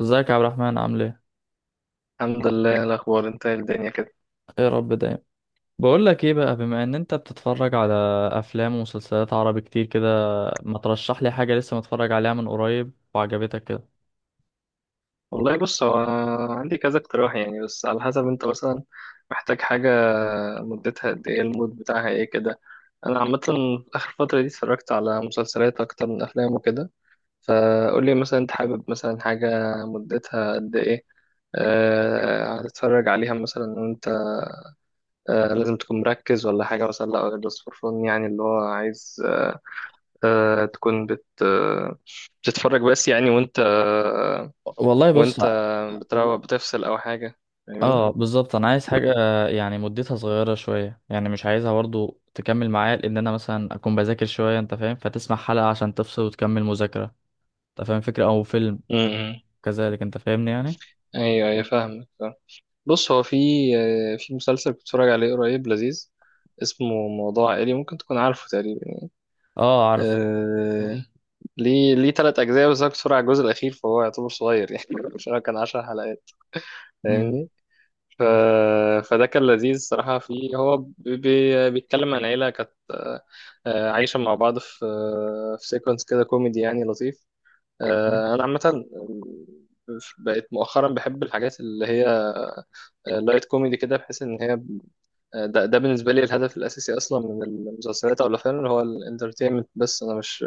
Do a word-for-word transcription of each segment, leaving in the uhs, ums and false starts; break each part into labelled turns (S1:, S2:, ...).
S1: ازيك يا عبد الرحمن؟ عامل ايه؟
S2: الحمد لله. إيه الأخبار؟ انت إيه الدنيا كده؟
S1: ايه، رب دايم. بقول لك ايه بقى، بما ان انت بتتفرج على افلام ومسلسلات عربي كتير كده، ما ترشح لي حاجه لسه متفرج عليها من قريب وعجبتك كده؟
S2: والله بص، هو عندي كذا اقتراح يعني، بس على حسب انت مثلا محتاج حاجة، مدتها قد ايه، المود بتاعها ايه كده. أنا عامة آخر فترة دي اتفرجت على مسلسلات أكتر من أفلام وكده. فقول لي مثلا انت حابب مثلا حاجة مدتها قد ايه، أه هتتفرج عليها مثلا انت، أه لازم تكون مركز ولا حاجة مثلا، لا بس فور فن يعني اللي هو عايز أه تكون بت آه، بتتفرج بس يعني. وانت
S1: والله بص.
S2: وانت بتروق بتفصل او حاجه، فاهمني؟
S1: اه بالظبط، انا عايز حاجه يعني مدتها صغيره شويه، يعني مش عايزها برضو تكمل معايا، لان انا مثلا اكون بذاكر شويه، انت فاهم، فتسمع حلقه عشان تفصل وتكمل مذاكره. انت فاهم، فكره او فيلم،
S2: امم.
S1: كذلك، انت فاهمني يعني.
S2: ايوه ايوه فاهمك فاهم. بص هو في آه، في مسلسل كنت بتفرج عليه قريب لذيذ، اسمه موضوع عائلي، ممكن تكون عارفه تقريبا.
S1: اه، عارف.
S2: آه... ليه ليه تلات أجزاء بس، أنا كنت بتفرج على الجزء الأخير فهو يعتبر صغير يعني مش عارف، كان عشر حلقات،
S1: مم.
S2: فاهمني؟ ف... فده كان لذيذ صراحة فيه. هو بي... بي- بيتكلم عن عيلة كانت آه، آه، عايشة مع بعض في آه، في سيكونس كده كوميدي يعني لطيف. آه، انا عامه بقيت مؤخرا بحب الحاجات اللي هي لايت كوميدي كده، بحيث ان هي آه، ده, ده بالنسبه لي الهدف الاساسي اصلا من المسلسلات او الافلام، اللي هو الانترتينمنت بس. انا مش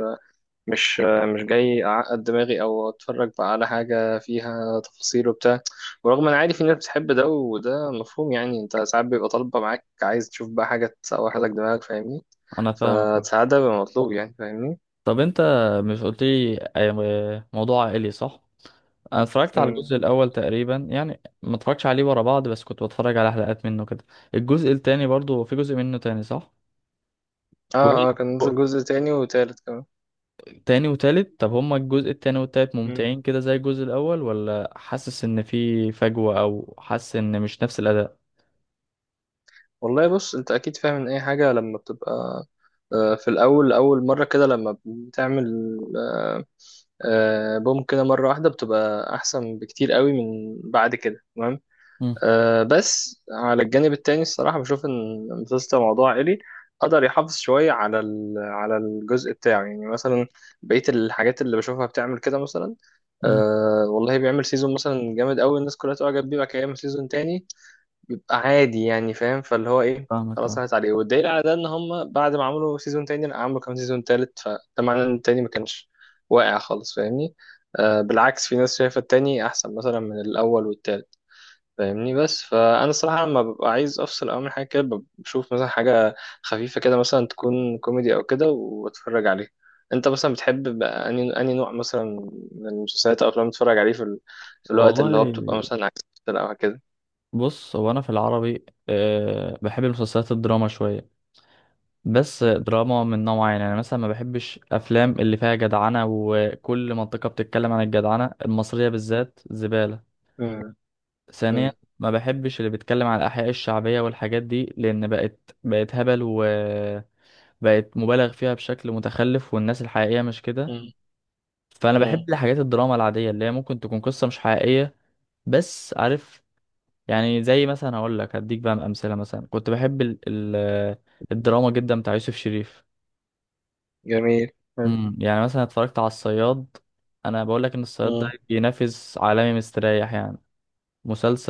S2: مش آه، مش جاي اعقد دماغي او اتفرج بقى على حاجه فيها تفاصيل وبتاع. ورغم ان عادي في ناس بتحب ده، وده مفهوم يعني، انت ساعات بيبقى طالبه معاك عايز تشوف بقى حاجه تسوح لك دماغك، فاهمني؟
S1: انا فاهمك.
S2: فساعات ده بيبقى مطلوب يعني، فاهمني؟
S1: طب انت مش قلت لي اي- موضوع عائلي، صح؟ انا اتفرجت على
S2: مم.
S1: الجزء الاول تقريبا، يعني ما اتفرجتش عليه ورا بعض، بس كنت بتفرج على حلقات منه كده. الجزء التاني برضو، في جزء منه تاني، صح؟
S2: اه
S1: كويس.
S2: اه، كان نزل جزء تاني وتالت كمان.
S1: تاني وتالت، طب هما الجزء التاني والتالت ممتعين كده زي الجزء الاول، ولا حاسس ان في فجوة، او حاسس ان مش نفس الاداء؟
S2: والله بص، انت اكيد فاهم ان اي حاجه لما بتبقى آه، في الاول اول مره كده، لما بتعمل آه، آه، بوم كده مره واحده، بتبقى احسن بكتير قوي من بعد كده، تمام؟
S1: مم.
S2: آه، بس على الجانب التاني، الصراحه بشوف ان مسلسل موضوع عائلي قدر يحافظ شويه على ال- على الجزء بتاعه، يعني مثلا بقيه الحاجات اللي بشوفها بتعمل كده مثلا
S1: مم.
S2: آه والله بيعمل سيزون مثلا جامد قوي، الناس كلها تعجب بيه، بعد كده يعمل سيزون تاني بيبقى عادي يعني، فاهم؟ فاللي هو ايه،
S1: فاهمك،
S2: خلاص
S1: اه.
S2: راحت عليه. والدليل على ده ان هم بعد ما عملوا سيزون تاني لا، عملوا كمان سيزون تالت، فده معناه ان التاني ما كانش واقع خالص، فاهمني؟ آه بالعكس، في ناس شايفة التاني احسن مثلا من الاول والتالت، فاهمني؟ بس فانا الصراحة لما ببقى عايز افصل او من حاجة كده، بب- بشوف مثلا حاجة خفيفة كده، مثلا تكون كوميدي او كده، واتفرج عليها. انت مثلا بتحب بقى اني اني نوع مثلا من المسلسلات او افلام تتفرج عليه في ال... في الوقت اللي هو
S1: والله
S2: بتبقى مثلا عايز تفصل او كده؟
S1: بص، هو انا في العربي أه بحب المسلسلات الدراما شوية. بس دراما من نوع، يعني انا مثلا ما بحبش افلام اللي فيها جدعنه، وكل منطقه بتتكلم عن الجدعنه المصريه بالذات، زباله.
S2: مم.
S1: ثانيا،
S2: مم.
S1: ما بحبش اللي بيتكلم عن الاحياء الشعبيه والحاجات دي، لان بقت بقت هبل، وبقت مبالغ فيها بشكل متخلف، والناس الحقيقيه مش كده.
S2: مم.
S1: فانا
S2: مم.
S1: بحب الحاجات الدراما العاديه، اللي هي ممكن تكون قصه مش حقيقيه، بس عارف يعني. زي مثلا هقول لك، هديك بقى امثله. مثلا كنت بحب ال ال الدراما جدا بتاع يوسف شريف.
S2: جميل. حلو.
S1: امم يعني مثلا اتفرجت على الصياد. انا بقول لك ان الصياد ده
S2: مم.
S1: بينافس عالمي مستريح يعني.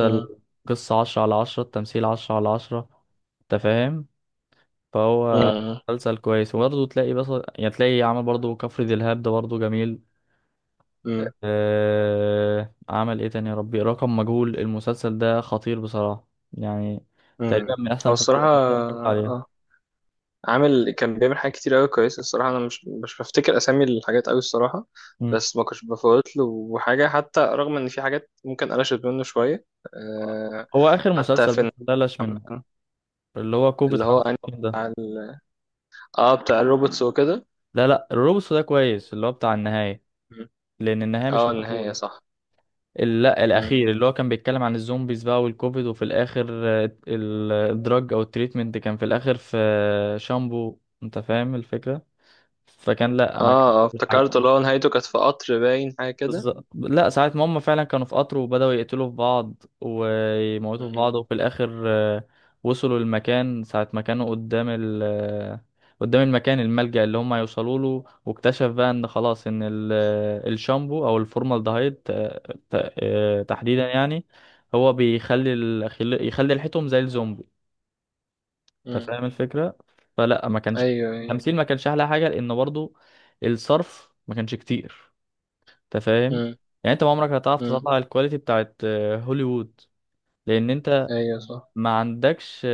S2: مم.
S1: قصة عشرة على عشرة، التمثيل عشرة على عشرة، انت فاهم. فهو
S2: مم.
S1: مسلسل كويس، وبرضه تلاقي، بس يعني تلاقي عمل، برضه كفر دلهاب ده برضه جميل.
S2: مم.
S1: أه... عمل ايه تاني؟ يا ربي، رقم مجهول. المسلسل ده خطير بصراحة يعني، تقريبا
S2: مم.
S1: من احسن
S2: هو الصراحة
S1: المسلسلات اللي اتفرجت عليها.
S2: اه عامل، كان بيعمل حاجات كتير قوي كويسة الصراحة. أنا مش مش بفتكر أسامي الحاجات قوي الصراحة،
S1: مم.
S2: بس ما كنتش بفوت له حاجة، حتى رغم إن في حاجات ممكن قلشت منه شوية. آه.
S1: هو اخر
S2: حتى
S1: مسلسل بس
S2: في
S1: بلاش منه،
S2: مثلا
S1: اللي هو كوفيد
S2: اللي هو أنهي
S1: خمسة وخمسين ده.
S2: بتاع ال- اه بتاع الروبوتس وكده.
S1: لا، لا، الروبوسو ده كويس، اللي هو بتاع النهاية،
S2: مم.
S1: لأن النهاية مش
S2: اه النهاية
S1: مقفولة.
S2: صح.
S1: ال- لا،
S2: مم.
S1: الأخير اللي هو كان بيتكلم عن الزومبيز بقى والكوفيد، وفي الآخر آه، ال- الدراج أو التريتمنت، كان في الآخر في شامبو. أنت فاهم الفكرة. فكان، لا، ما
S2: اه
S1: كانش
S2: اه
S1: في حاجة.
S2: افتكرت اللي هو نهايته كانت في قطر باين حاجة كده.
S1: بالظبط. لا، ساعة ما هم فعلا كانوا في قطر وبدأوا يقتلوا في بعض ويموتوا في
S2: مم.
S1: بعض، وفي الآخر آه، وصلوا المكان. ساعة ما كانوا قدام ال آه، قدام المكان الملجأ اللي هم يوصلوا له، واكتشف بقى ان خلاص ان ال- آه، الشامبو او الفورمالدهيد آه، ت- آه، تحديدا يعني، هو بيخلي ال... خل- يخلي ريحتهم زي الزومبي. انت
S2: مم.
S1: فاهم الفكرة. فلا ما كانش
S2: ايوه ايوه.
S1: التمثيل، ما كانش احلى حاجة، لان برضو الصرف ما كانش كتير. انت فاهم.
S2: امم.
S1: يعني انت ما عمرك هتعرف
S2: امم.
S1: تطلع الكواليتي بتاعت آه، هوليوود، لان انت
S2: ايوه صح.
S1: ما عندكش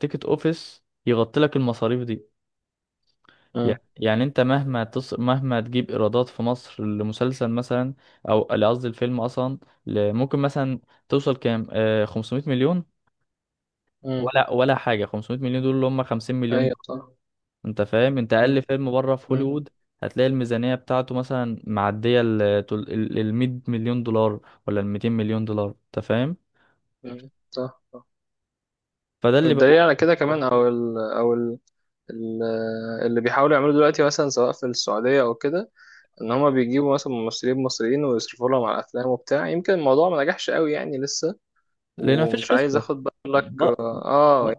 S1: تيكت اوفيس يغطي لك المصاريف دي. يع-
S2: امم.
S1: يعني انت مهما تص... مهما تجيب ايرادات في مصر لمسلسل مثلا، او لا، قصدي الفيلم اصلا، ل- ممكن مثلا توصل كام، آه، خمسمائة مليون،
S2: امم.
S1: ولا ولا حاجه. خمسمائة مليون دول اللي هم خمسين مليون.
S2: ايوه صح.
S1: انت فاهم؟ انت اقل
S2: امم.
S1: فيلم بره في
S2: امم.
S1: هوليوود هتلاقي الميزانية بتاعته مثلا معدية ال تل- ال ال مية مليون دولار، ولا ال ميتين مليون دولار. انت فاهم.
S2: امم. صح صح.
S1: فده اللي
S2: والدليل
S1: بقول،
S2: على كده كمان، او ال او ال ال اللي بيحاولوا يعملوا دلوقتي مثلا، سواء في السعوديه او كده، ان هما بيجيبوا مثلا ممثلين مصريين ويصرفوا لهم على الافلام وبتاع، يمكن الموضوع ما نجحش قوي يعني لسه.
S1: لان مفيش
S2: ومش عايز
S1: قصة.
S2: اخد بقى لك.
S1: ب... ب...
S2: اه،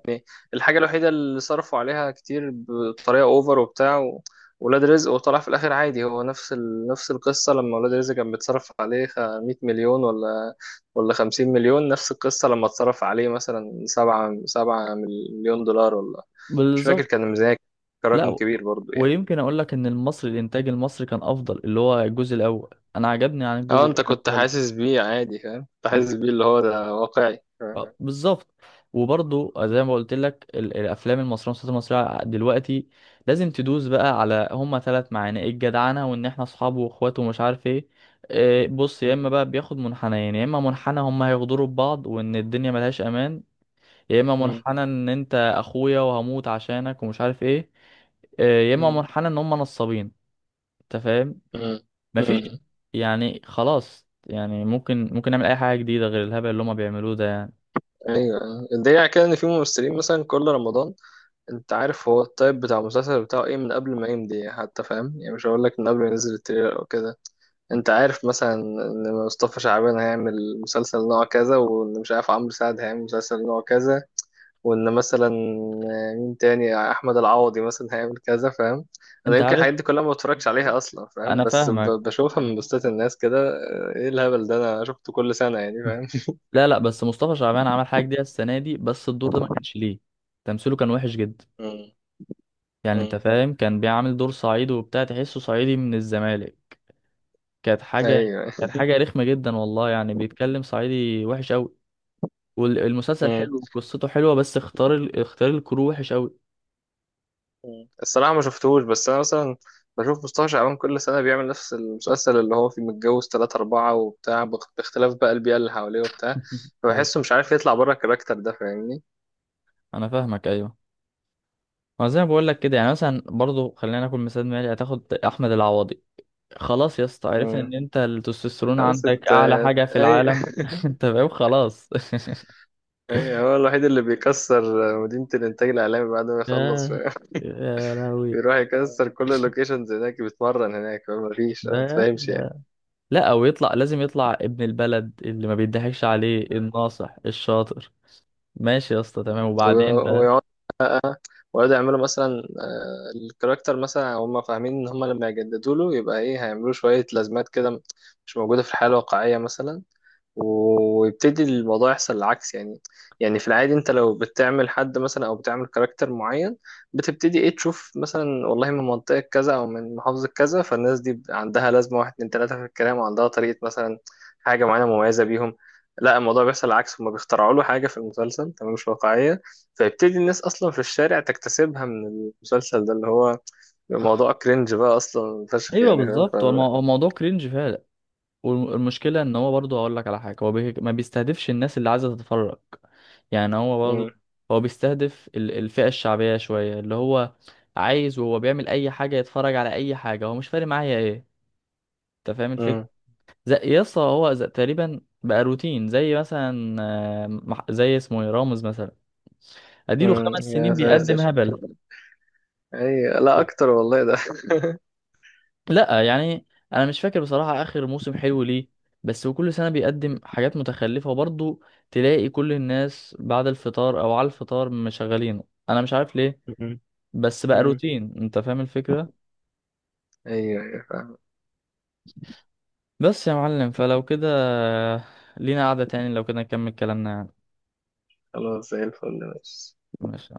S2: الحاجة الوحيدة اللي صرفوا عليها كتير بطريقة اوفر وبتاع و... ولاد رزق، وطلع في الآخر عادي، هو نفس ال... نفس القصة لما ولاد رزق كان بيتصرف عليه خ- مئة مليون ولا ولا خمسين مليون، نفس القصة لما اتصرف عليه مثلا سبع سبع مليون دولار ولا، مش فاكر
S1: بالظبط.
S2: كان الميزانية، كان رقم
S1: لا،
S2: كبير برضو يعني.
S1: ويمكن اقول لك ان المصري، الانتاج المصري كان افضل، اللي هو الجزء الاول انا عجبني عن الجزء
S2: اه انت
S1: الثاني
S2: كنت
S1: والثالث.
S2: حاسس بيه عادي فاهم، كنت حاسس بيه اللي هو ده واقعي فاهم.
S1: آه، بالظبط. وبرضه زي
S2: مم.
S1: ما قلت لك، ال- الافلام المصريه والمسلسلات المصريه دلوقتي لازم تدوس بقى على هما ثلاث معاني، إيه؟ الجدعنه، وان احنا اصحابه واخواته، ومش عارف ايه. آه، بص، يا اما بقى بياخد منحنيين، يا اما منحنى هما هيغدروا ببعض وان الدنيا ملهاش امان، يا اما
S2: مم.
S1: منحنى ان انت اخويا وهموت عشانك ومش عارف ايه، آه، يا اما
S2: مم.
S1: منحنى ان هم نصابين. انت فاهم،
S2: مم.
S1: مفيش
S2: مم.
S1: يعني، خلاص يعني. ممكن ممكن نعمل اي حاجه جديده غير الهبل اللي هم بيعملوه ده يعني؟
S2: ايوه الدليل على كده ان في ممثلين مثلا كل رمضان، انت عارف هو التايب بتاع المسلسل بتاعه ايه من قبل ما يمضي يعني، حتى فاهم يعني، مش هقول لك من قبل ما ينزل التريلر او كده. انت عارف مثلا ان مصطفى شعبان هيعمل مسلسل نوع كذا، وان مش عارف عمرو سعد هيعمل مسلسل نوع كذا، وان مثلا مين تاني، احمد العوضي مثلا هيعمل كذا، فاهم؟ انا
S1: انت
S2: يمكن
S1: عارف.
S2: الحاجات دي كلها ما بتفرجش عليها اصلا فاهم،
S1: انا
S2: بس ب-
S1: فاهمك.
S2: بشوفها من بوستات الناس كده، اه، ايه الهبل ده، انا شفته كل سنة يعني فاهم.
S1: لا، لا، بس مصطفى شعبان عمل حاجه جديده السنه دي، بس الدور ده ما كانش ليه. تمثيله كان وحش جدا.
S2: مم.
S1: يعني انت
S2: مم.
S1: فاهم، كان بيعمل دور صعيدي وبتاع، تحسه صعيدي من الزمالك. كانت حاجه،
S2: ايوه.
S1: كانت حاجه رخمه جدا والله، يعني بيتكلم صعيدي وحش قوي. والمسلسل حلو وقصته حلوه، بس اختار ال... اختار الكرو وحش قوي.
S2: مم. الصراحة ما شفتهوش، بس أنا مثلا بشوف مصطفى شعبان كل سنة بيعمل نفس المسلسل اللي هو فيه متجوز تلاتة أربعة وبتاع، باخ- باختلاف بقى البيئة اللي حواليه وبتاع.
S1: ايوه،
S2: فبحسه مش عارف يطلع بره الكاركتر ده، فاهمني.
S1: انا فاهمك، ايوه. ما زي ما بقول لك كده، يعني مثلا برضو خلينا ناخد مثال مالي، هتاخد احمد العوضي. خلاص يا اسطى، عرفنا
S2: مم.
S1: ان انت التستوستيرون
S2: خلاص
S1: عندك
S2: أنت،
S1: اعلى حاجة في
S2: أي
S1: العالم. انت فاهم؟ خلاص.
S2: أي، هو الوحيد اللي بيكسر مدينة الإنتاج الإعلامي بعد ما يخلص
S1: يا
S2: فاهم؟
S1: يا لهوي.
S2: بيروح يكسر كل اللوكيشنز هناك، بيتمرن هناك، ما فيش، ما
S1: ده
S2: تفهمش يعني.
S1: ده لا، او يطلع، لازم يطلع ابن البلد اللي ما بيضحكش عليه، الناصح الشاطر. ماشي يا اسطى، تمام،
S2: مم.
S1: وبعدين
S2: و-
S1: ده.
S2: ويقعد ويقعدوا يعملوا مثلا آه، الكاركتر مثلا، هم فاهمين ان هم لما يجددوا له يبقى ايه، هيعملوا شوية لازمات كده مش موجودة في الحياة الواقعية مثلا، ويبتدي الموضوع يحصل العكس يعني. يعني في العادي انت لو بتعمل حد مثلا او بتعمل كاركتر معين، بتبتدي ايه تشوف مثلا، والله من منطقة كذا او من محافظة كذا، فالناس دي عندها لازمة واحد اتنين تلاتة في الكلام، وعندها طريقة مثلا، حاجة معينة مميزة بيهم. لا، الموضوع بيحصل العكس، هما بيخترعوا له حاجة في المسلسل تمام مش واقعية، فيبتدي الناس أصلا في الشارع تكتسبها من المسلسل ده، اللي هو موضوع كرنج بقى أصلا فشخ
S1: ايوه
S2: يعني فاهم. ف...
S1: بالظبط، هو المو- هو الموضوع كرينج فعلا. والمشكله ان هو برضه هقول لك على حاجه، هو بي... ما بيستهدفش الناس اللي عايزه تتفرج. يعني هو
S2: م-
S1: برضه هو بيستهدف ال- الفئة الشعبية شوية، اللي هو عايز. وهو بيعمل أي حاجة، يتفرج على أي حاجة، هو مش فارق معايا إيه. أنت فاهم الفكرة.
S2: م-
S1: زي يسطا، هو زي تقريبا بقى روتين، زي مثلا، آه، مح- زي اسمه إيه، رامز مثلا. أديله
S2: م-
S1: خمس
S2: يا
S1: سنين
S2: ساتر.
S1: بيقدم هبل.
S2: اي لا اكتر والله ده.
S1: لا يعني، أنا مش فاكر بصراحة آخر موسم حلو ليه. بس هو كل سنة بيقدم حاجات متخلفة، وبرضه تلاقي كل الناس بعد الفطار أو على الفطار مشغلينه. أنا مش عارف ليه،
S2: مم.
S1: بس بقى
S2: مم.
S1: روتين، انت فاهم الفكرة.
S2: ايوه ايوه فاهم.
S1: بس يا معلم، فلو كده لينا قعدة تاني، لو كده نكمل كلامنا يعني.
S2: خلاص زي الفل ماشي.
S1: ماشي.